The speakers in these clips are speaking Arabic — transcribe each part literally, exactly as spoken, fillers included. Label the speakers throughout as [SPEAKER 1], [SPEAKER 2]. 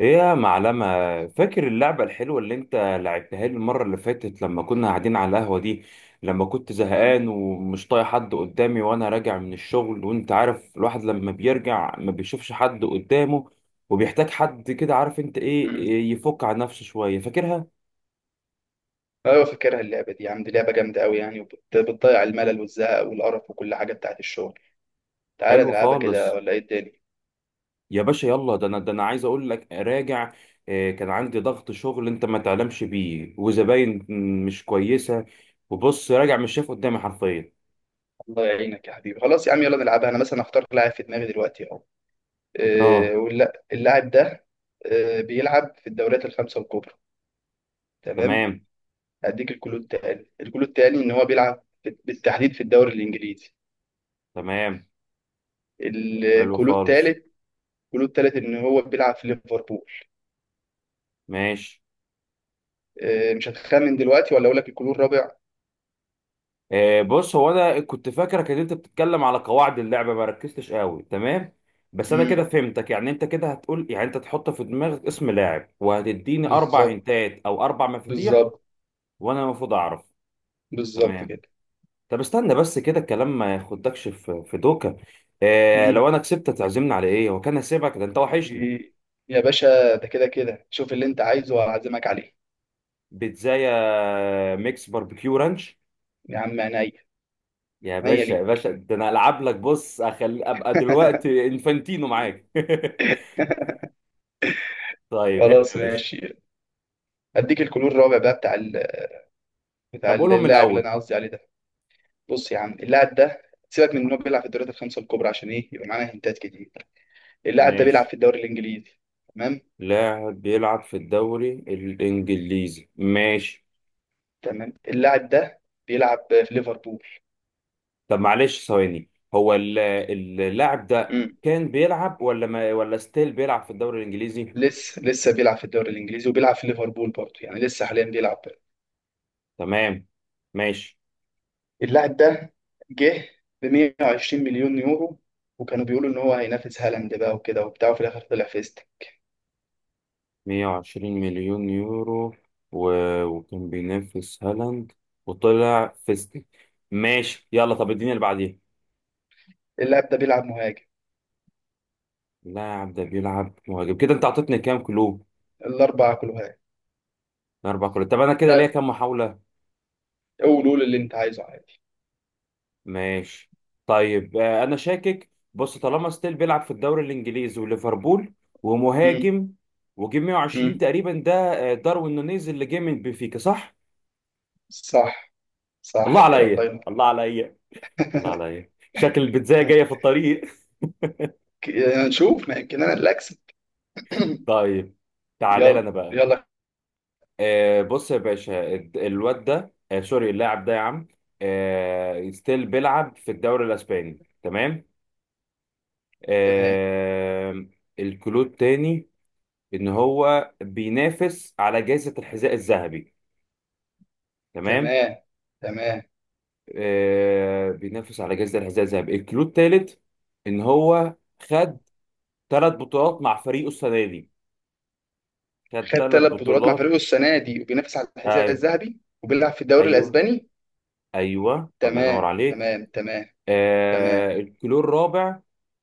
[SPEAKER 1] ايه يا معلمة؟ فاكر اللعبة الحلوة اللي انت لعبتها لي المرة اللي فاتت لما كنا قاعدين على القهوة دي؟ لما كنت
[SPEAKER 2] مم.
[SPEAKER 1] زهقان ومش طايق حد قدامي وانا راجع من الشغل، وانت عارف الواحد لما بيرجع ما بيشوفش حد قدامه وبيحتاج حد كده، عارف انت ايه
[SPEAKER 2] مم.
[SPEAKER 1] إيه يفك عن نفسه شوية؟ فاكرها؟
[SPEAKER 2] ايوه فاكرها اللعبه دي، عندي لعبه جامده قوي يعني، وبتضيع الملل والزهق والقرف وكل حاجه بتاعت الشغل. تعالى
[SPEAKER 1] حلو
[SPEAKER 2] نلعبها كده
[SPEAKER 1] خالص.
[SPEAKER 2] ولا ايه الدنيا؟
[SPEAKER 1] يا باشا يلا، ده انا ده انا عايز اقول لك، راجع، إيه، كان عندي ضغط شغل انت ما تعلمش بيه، وزباين مش كويسة، وبص راجع مش شايف قدامي حرفيا.
[SPEAKER 2] الله يعينك يا حبيبي، خلاص يا عم يلا نلعبها. انا مثلا هختار لاعب في دماغي دلوقتي اهو.
[SPEAKER 1] اه
[SPEAKER 2] إيه واللا- اللاعب ده، إيه بيلعب في الدوريات الخمسه الكبرى؟ تمام.
[SPEAKER 1] تمام.
[SPEAKER 2] هديك الكلود التاني، الكلود التاني ان هو بيلعب في- بالتحديد في الدوري الانجليزي.
[SPEAKER 1] تمام. حلو
[SPEAKER 2] الكلود
[SPEAKER 1] خالص.
[SPEAKER 2] التالت، الكلود التالت ان هو بيلعب في ليفربول.
[SPEAKER 1] ماشي.
[SPEAKER 2] إيه مش هتخمن دلوقتي ولا اقول لك الكلود الرابع؟
[SPEAKER 1] آه بص، هو انا كنت فاكرك ان انت بتتكلم على قواعد اللعبه، ما ركزتش قوي، تمام. بس انا
[SPEAKER 2] امم
[SPEAKER 1] كده فهمتك، يعني انت كده هتقول، يعني انت تحط في دماغك اسم لاعب وهتديني اربع
[SPEAKER 2] بالظبط.
[SPEAKER 1] هنتات او اربع مفاتيح
[SPEAKER 2] بالظبط.
[SPEAKER 1] وانا المفروض اعرف.
[SPEAKER 2] بالظبط
[SPEAKER 1] تمام.
[SPEAKER 2] كده.
[SPEAKER 1] طب استنى بس كده الكلام ما ياخدكش في في دوكا. آه
[SPEAKER 2] مم.
[SPEAKER 1] لو انا كسبت تعزمني على ايه؟ وكان هسيبك، ده انت وحشني.
[SPEAKER 2] إيه. يا باشا، ده كده كده شوف اللي انت عايزه وهعزمك عليه.
[SPEAKER 1] بيتزايا ميكس باربيكيو رانش.
[SPEAKER 2] يا عم عينيا.
[SPEAKER 1] يا
[SPEAKER 2] عينيا
[SPEAKER 1] باشا
[SPEAKER 2] ليه؟
[SPEAKER 1] يا باشا، ده انا العب لك، بص أخلي ابقى دلوقتي انفانتينو معاك. طيب احنا
[SPEAKER 2] خلاص
[SPEAKER 1] يا باشا.
[SPEAKER 2] ماشي. اديك الكلور الرابع بقى، بتاع ال... بتاع
[SPEAKER 1] طب قولهم من
[SPEAKER 2] اللاعب اللي
[SPEAKER 1] الاول.
[SPEAKER 2] انا قصدي عليه ده. بص يا عم، اللاعب ده سيبك من انه بيلعب في الدوريات الخمسه الكبرى عشان ايه يبقى معانا هنتات كتير. اللاعب ده بيلعب
[SPEAKER 1] ماشي،
[SPEAKER 2] في الدوري الانجليزي. تمام.
[SPEAKER 1] لاعب بيلعب في الدوري الانجليزي، ماشي.
[SPEAKER 2] تمام، اللاعب ده بيلعب في ليفربول.
[SPEAKER 1] طب معلش ثواني، هو ال- اللاعب ده
[SPEAKER 2] امم،
[SPEAKER 1] كان بيلعب، ولا ما ولا ستيل بيلعب في الدوري الانجليزي؟
[SPEAKER 2] لسه لسه بيلعب في الدوري الانجليزي وبيلعب في ليفربول برضه، يعني لسه حاليا بيلعب.
[SPEAKER 1] تمام. ماشي.
[SPEAKER 2] اللاعب ده جه ب مائة وعشرين مليون يورو مليون يورو، وكانوا بيقولوا ان هو هينافس هالاند بقى وكده وبتاع، وفي الاخر طلع فيست.
[SPEAKER 1] مية وعشرين مليون يورو و... وكان بينافس هالاند وطلع فيستك. ماشي يلا، طب اديني اللي بعديه.
[SPEAKER 2] اللاعب ده بيلعب مهاجم.
[SPEAKER 1] لا يا عم، ده بيلعب مهاجم كده؟ انت عطيتني كام كلو؟
[SPEAKER 2] الاربعه كلها.
[SPEAKER 1] اربع كلو؟ طب انا كده ليا
[SPEAKER 2] لا،
[SPEAKER 1] كام محاوله؟
[SPEAKER 2] قول قول اللي انت عايزه عادي.
[SPEAKER 1] ماشي. طيب آه، انا شاكك، بص طالما ستيل بيلعب في الدوري الانجليزي وليفربول،
[SPEAKER 2] مم.
[SPEAKER 1] ومهاجم، وجه مية وعشرين
[SPEAKER 2] مم.
[SPEAKER 1] تقريبا ده، آه، داروين نونيز اللي جه من بنفيكا، صح؟
[SPEAKER 2] صح.
[SPEAKER 1] الله
[SPEAKER 2] صح كده، الله
[SPEAKER 1] عليا،
[SPEAKER 2] ينور.
[SPEAKER 1] الله عليا، الله عليا، شكل البيتزايه جايه في الطريق.
[SPEAKER 2] ك- يعني نشوف ما يمكن انا اللي اكسب.
[SPEAKER 1] طيب، تعالى لي
[SPEAKER 2] يلا.
[SPEAKER 1] انا بقى.
[SPEAKER 2] يلا.
[SPEAKER 1] آه، بص يا باشا، الد- الواد ده، آه، سوري، اللاعب ده يا عم، آه، ستيل بيلعب في الدوري الاسباني، تمام.
[SPEAKER 2] تمام.
[SPEAKER 1] آم، الكلود تاني، ان هو بينافس على جائزة الحذاء الذهبي، تمام.
[SPEAKER 2] تمام. تمام.
[SPEAKER 1] آه، بينافس على جائزة الحذاء الذهبي. الكلود تالت، ان هو خد ثلاث بطولات مع فريقه السنة دي، خد
[SPEAKER 2] خد
[SPEAKER 1] ثلاث
[SPEAKER 2] ثلاث بطولات مع
[SPEAKER 1] بطولات.
[SPEAKER 2] فريقه السنه دي، وبينافس على الحذاء
[SPEAKER 1] ايوه،
[SPEAKER 2] الذهبي، وبيلعب في الدوري
[SPEAKER 1] ايوه،
[SPEAKER 2] الاسباني.
[SPEAKER 1] ايوه، الله
[SPEAKER 2] تمام.
[SPEAKER 1] ينور عليك.
[SPEAKER 2] تمام. تمام. تمام.
[SPEAKER 1] آه، الكلور الرابع،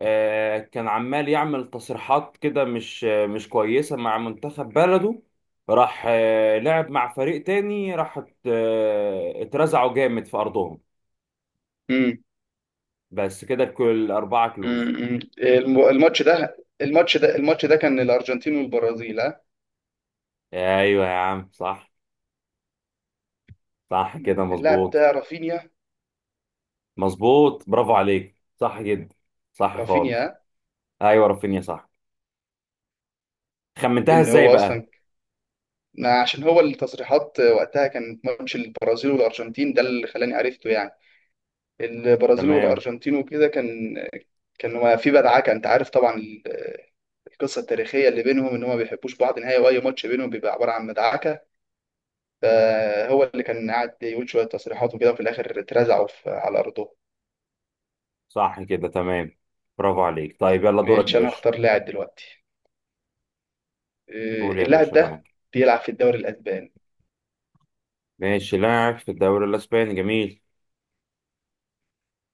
[SPEAKER 1] آه، كان عمال يعمل تصريحات كده مش مش كويسة مع منتخب بلده، راح آه، لعب مع فريق تاني، راح ات- آه، اترزعوا جامد في أرضهم.
[SPEAKER 2] مم.
[SPEAKER 1] بس كده، كل أربعة كلوز.
[SPEAKER 2] مم. الم- الماتش ده الماتش ده الماتش ده كان الارجنتين والبرازيل، ها؟
[SPEAKER 1] أيوة يا عم، صح، صح كده،
[SPEAKER 2] مم. اللاعب
[SPEAKER 1] مظبوط.
[SPEAKER 2] ده رافينيا.
[SPEAKER 1] مظبوط، برافو عليك، صح جدا، صح خالص.
[SPEAKER 2] رافينيا،
[SPEAKER 1] أيوة رافينيا، صح. خمنتها
[SPEAKER 2] ان
[SPEAKER 1] إزاي
[SPEAKER 2] هو
[SPEAKER 1] بقى؟
[SPEAKER 2] اصلا ما، عشان هو التصريحات وقتها كانت ماتش البرازيل والارجنتين ده اللي خلاني عرفته يعني. البرازيل
[SPEAKER 1] تمام،
[SPEAKER 2] والارجنتين وكده، كان، كان ما في بدعكه، انت عارف طبعا ال- القصه التاريخيه اللي بينهم، ان هم ما بيحبوش بعض نهائي، واي ماتش بينهم بيبقى عباره عن مدعكه. فهو اللي كان قاعد يقول شويه تصريحات وكده، وفي الاخر اترزعوا في- على ارضهم.
[SPEAKER 1] صح كده، تمام. برافو عليك. طيب يلا، دورك يا
[SPEAKER 2] ماشي، انا
[SPEAKER 1] باشا.
[SPEAKER 2] هختار لاعب دلوقتي.
[SPEAKER 1] قول
[SPEAKER 2] آه،
[SPEAKER 1] يا
[SPEAKER 2] اللاعب
[SPEAKER 1] باشا،
[SPEAKER 2] ده
[SPEAKER 1] معاك.
[SPEAKER 2] بيلعب في الدوري الاسباني.
[SPEAKER 1] ماشي، لاعب في الدوري الاسباني، جميل.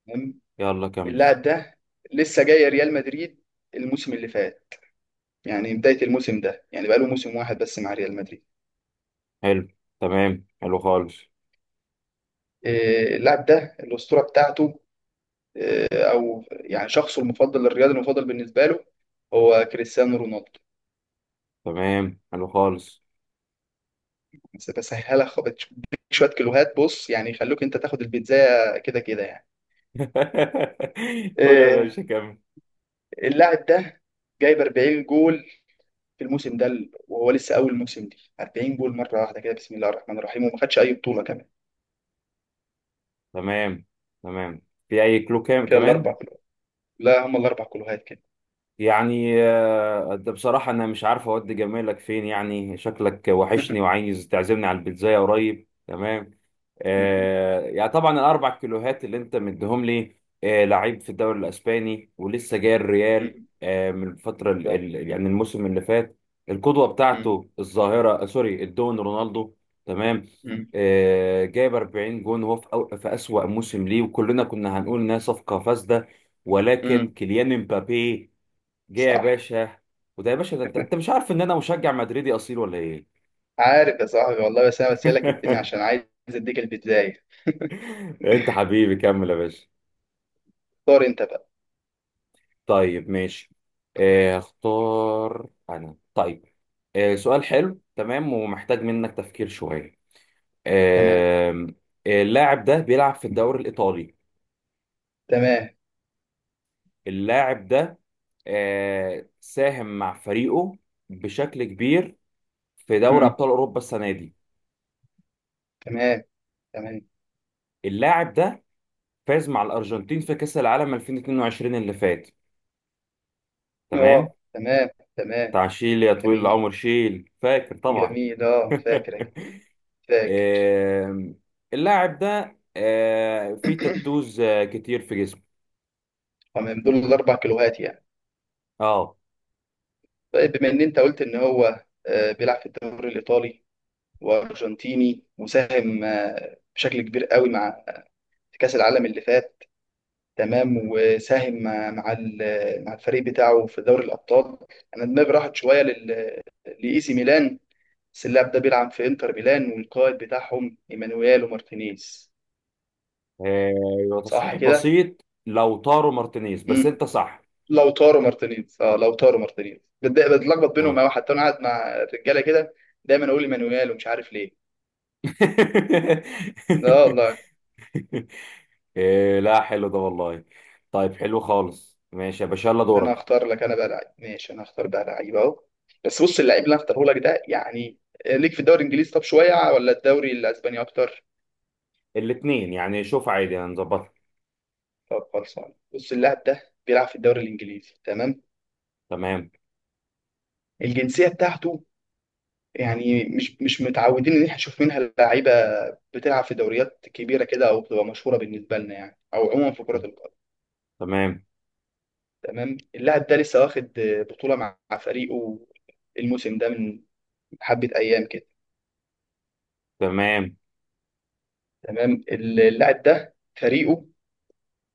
[SPEAKER 2] تمام.
[SPEAKER 1] يلا كمل.
[SPEAKER 2] اللاعب ده لسه جاي ريال مدريد الموسم اللي فات، يعني بدايه الموسم ده، يعني بقاله موسم واحد بس مع ريال مدريد.
[SPEAKER 1] حلو، تمام، حلو خالص.
[SPEAKER 2] آه، اللاعب ده الاسطوره بتاعته، آه، او يعني شخصه المفضل، الرياضي المفضل بالنسبه له، هو كريستيانو رونالدو.
[SPEAKER 1] تمام، حلو خالص.
[SPEAKER 2] بس بسهلها، خ- بديك شويه كيلوهات بص، يعني يخلوك انت تاخد البيتزا كده كده يعني.
[SPEAKER 1] قول يا
[SPEAKER 2] آه،
[SPEAKER 1] باشا، كمل.
[SPEAKER 2] اللاعب ده جايب 40 جول في الموسم ده، ال- وهو لسه اول موسم دي، 40 جول مره واحده كده، بسم الله الرحمن الرحيم، وما خدش اي بطوله كمان.
[SPEAKER 1] تمام، تمام. في اي كلو كام
[SPEAKER 2] كده
[SPEAKER 1] كمان؟
[SPEAKER 2] الاربع كلوهات. لا، هم الاربع كلوهات كده.
[SPEAKER 1] يعني آه، ده بصراحة أنا مش عارف أودي جمالك فين، يعني شكلك وحشني وعايز تعزمني على البيتزاية قريب، تمام.
[SPEAKER 2] أمم،
[SPEAKER 1] آه يعني طبعا الأربع كيلوهات اللي أنت مديهم لي، آه لعيب في الدوري الأسباني، ولسه جاي الريال
[SPEAKER 2] أمم
[SPEAKER 1] آه من الفترة، ال
[SPEAKER 2] بالظبط.
[SPEAKER 1] ال يعني الموسم اللي فات، القدوة
[SPEAKER 2] أمم،
[SPEAKER 1] بتاعته الظاهرة، آه سوري، الدون رونالدو، تمام،
[SPEAKER 2] أمم،
[SPEAKER 1] آه جايب أربعين جون، وهو في, أو- في أسوأ موسم ليه، وكلنا كنا هنقول إنها صفقة فاسدة،
[SPEAKER 2] أمم.
[SPEAKER 1] ولكن كيليان مبابي جه يا
[SPEAKER 2] صح.
[SPEAKER 1] باشا. وده يا باشا، ده انت انت مش عارف ان انا مشجع مدريدي اصيل ولا ايه؟
[SPEAKER 2] عارف يا صاحبي والله، بس انا بسالك الدنيا عشان عايز اديك البدايه.
[SPEAKER 1] انت حبيبي، كمل يا باشا.
[SPEAKER 2] اختار انت بقى.
[SPEAKER 1] طيب ماشي. آه، اختار انا طيب. آه، سؤال حلو، تمام، ومحتاج منك تفكير شوية.
[SPEAKER 2] تمام.
[SPEAKER 1] آم، آه، اللاعب ده بيلعب في الدوري الإيطالي.
[SPEAKER 2] تمام.
[SPEAKER 1] اللاعب ده آه، ساهم مع فريقه بشكل كبير في دوري
[SPEAKER 2] أمم،
[SPEAKER 1] أبطال أوروبا السنة دي.
[SPEAKER 2] تمام. تمام.
[SPEAKER 1] اللاعب ده فاز مع الأرجنتين في كأس العالم ألفين واتنين وعشرين اللي فات، تمام.
[SPEAKER 2] اه تمام. تمام.
[SPEAKER 1] بتاع شيل يا طويل
[SPEAKER 2] جميل.
[SPEAKER 1] العمر، شيل، فاكر طبعا.
[SPEAKER 2] جميل، اه فاكر يا كبير. فاكر.
[SPEAKER 1] آم، اللاعب ده آه، فيه تاتوز آه، كتير في جسمه.
[SPEAKER 2] تمام، دول الاربع كيلوهات يعني.
[SPEAKER 1] اه.
[SPEAKER 2] طيب، بما ان انت قلت ان هو آه، بيلعب في الدوري الايطالي، وارجنتيني، وساهم آه، بشكل كبير قوي مع، في كاس العالم اللي فات. تمام. وساهم مع مع ال- مع الفريق بتاعه في دوري الابطال. انا دماغي راحت شويه لل لاي سي ميلان، بس اللاعب ده بيلعب في انتر ميلان، والقائد بتاعهم ايمانويل ومارتينيز.
[SPEAKER 1] آه،
[SPEAKER 2] صح
[SPEAKER 1] تصحيح
[SPEAKER 2] كده؟
[SPEAKER 1] بسيط، لو طارو مارتينيز، بس
[SPEAKER 2] امم.
[SPEAKER 1] انت صح.
[SPEAKER 2] لو تارو مارتينيز، اه لو تارو مارتينيز بتضايق- بتلخبط بينهم
[SPEAKER 1] تمام.
[SPEAKER 2] أوي، حتى انا قاعد مع الرجاله كده دايما اقول ايمانويل ومش عارف ليه. لا والله.
[SPEAKER 1] آه، لا حلو ده والله. طيب حلو خالص، ماشي يا باشا، يلا
[SPEAKER 2] انا
[SPEAKER 1] دورك.
[SPEAKER 2] اختار لك انا بقى لعيب. ماشي، انا اختار بقى لعيب اهو. بس بص، اللعيب اللي انا اختاره لك ده يعني، ليك في الدوري الانجليزي طب شويه، ولا الدوري الاسباني اكتر؟
[SPEAKER 1] الاثنين يعني، شوف عادي هنظبطها.
[SPEAKER 2] طب خلصان، بص اللاعب ده بيلعب في الدوري الانجليزي. تمام.
[SPEAKER 1] تمام.
[SPEAKER 2] الجنسيه بتاعته يعني، مش مش متعودين ان احنا نشوف منها لعيبه بتلعب في دوريات كبيره كده، او بتبقى مشهوره بالنسبه لنا يعني، او عموما في كره القدم.
[SPEAKER 1] تمام.
[SPEAKER 2] تمام. اللاعب ده لسه واخد بطوله مع مع فريقه الموسم ده من حبه ايام كده.
[SPEAKER 1] تمام.
[SPEAKER 2] تمام. اللاعب ده فريقه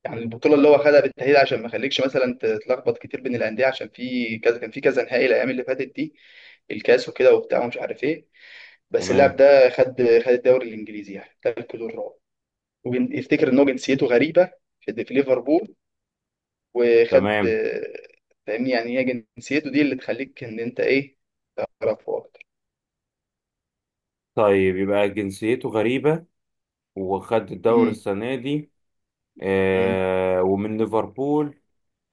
[SPEAKER 2] يعني، البطوله اللي هو خدها بالتاهيل، عشان ما يخليكش مثلا تتلخبط كتير بين الانديه، عشان في كذا كان، في كذا نهائي الايام اللي فاتت دي، الكاس وكده وبتاع ومش عارف ايه. بس اللاعب
[SPEAKER 1] تمام.
[SPEAKER 2] ده خد خد الدوري الانجليزي، يعني ده الكيلو الرابع. ويفتكر ان هو جنسيته غريبه، في في ليفربول وخد.
[SPEAKER 1] تمام.
[SPEAKER 2] فاهمني يعني، هي جنسيته دي اللي تخليك ان انت ايه، تعرفه اكتر.
[SPEAKER 1] طيب يبقى جنسيته غريبة، وخد الدوري
[SPEAKER 2] مم.
[SPEAKER 1] السنة دي،
[SPEAKER 2] مم.
[SPEAKER 1] آه ومن ليفربول.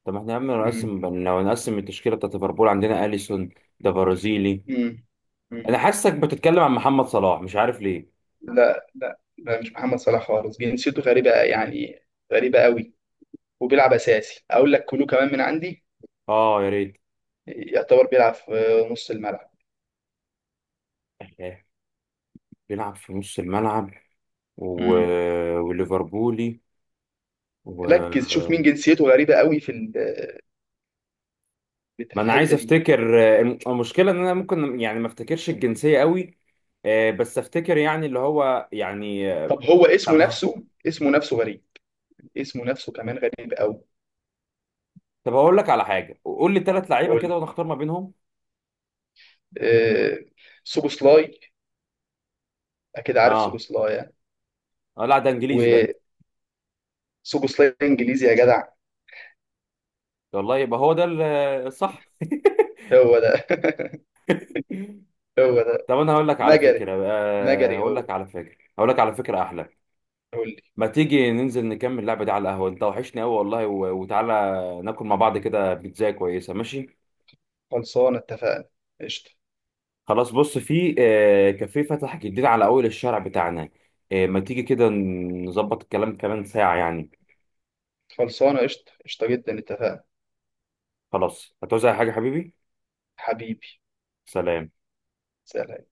[SPEAKER 1] طب احنا يا عم
[SPEAKER 2] مم.
[SPEAKER 1] نقسم، لو نقسم التشكيلة بتاعت ليفربول، عندنا أليسون، ده برازيلي.
[SPEAKER 2] مم. مم.
[SPEAKER 1] أنا حاسك بتتكلم عن محمد صلاح، مش عارف ليه.
[SPEAKER 2] لا لا لا، مش محمد صلاح خالص، جنسيته غريبه يعني، غريبه قوي. وبيلعب اساسي، اقول لك كلو كمان من عندي،
[SPEAKER 1] اه يا ريت.
[SPEAKER 2] يعتبر بيلعب في نص الملعب.
[SPEAKER 1] آه، بيلعب في نص الملعب و...
[SPEAKER 2] مم.
[SPEAKER 1] وليفربولي
[SPEAKER 2] ركز شوف
[SPEAKER 1] و...
[SPEAKER 2] مين جنسيته غريبه قوي في ال- في
[SPEAKER 1] ما أنا عايز
[SPEAKER 2] الحته دي.
[SPEAKER 1] أفتكر، آه، الم- المشكلة إن أنا ممكن يعني ما أفتكرش الجنسية قوي، آه، بس أفتكر، يعني اللي هو يعني آه،
[SPEAKER 2] طب هو اسمه
[SPEAKER 1] طب
[SPEAKER 2] نفسه اسمه نفسه غريب. اسمه نفسه كمان غريب قوي.
[SPEAKER 1] طب هقول لك على حاجه، قول لي ثلاث لعيبه كده
[SPEAKER 2] قول.
[SPEAKER 1] وانا اختار ما بينهم.
[SPEAKER 2] آه... سوبوسلاي، اكيد عارف
[SPEAKER 1] اه.
[SPEAKER 2] سوبوسلاي يعني.
[SPEAKER 1] اه، لا ده انجليزي ده.
[SPEAKER 2] وسوبوسلاي انجليزي يا جدع.
[SPEAKER 1] والله يبقى هو ده ال- الصح.
[SPEAKER 2] هو ده. هو ده.
[SPEAKER 1] طب انا هقول لك على
[SPEAKER 2] مجري.
[SPEAKER 1] فكره آه
[SPEAKER 2] مجري
[SPEAKER 1] هقول
[SPEAKER 2] هو.
[SPEAKER 1] لك على فكره هقول لك على فكره احلى،
[SPEAKER 2] قول لي.
[SPEAKER 1] ما تيجي ننزل نكمل اللعبه دي على القهوه؟ انت وحشني قوي والله، و- وتعالى ناكل مع بعض كده بيتزا كويسه، ماشي؟
[SPEAKER 2] خلصانه اتفقنا. قشطه.
[SPEAKER 1] خلاص، بص في آه كافيه فتح جديد على اول الشارع بتاعنا، آه ما تيجي كده نظبط الكلام كمان ساعه يعني.
[SPEAKER 2] خلصانه قشطه. قشطه جدا اتفقنا.
[SPEAKER 1] خلاص، هتعوز أي حاجه حبيبي؟
[SPEAKER 2] حبيبي.
[SPEAKER 1] سلام.
[SPEAKER 2] سلام.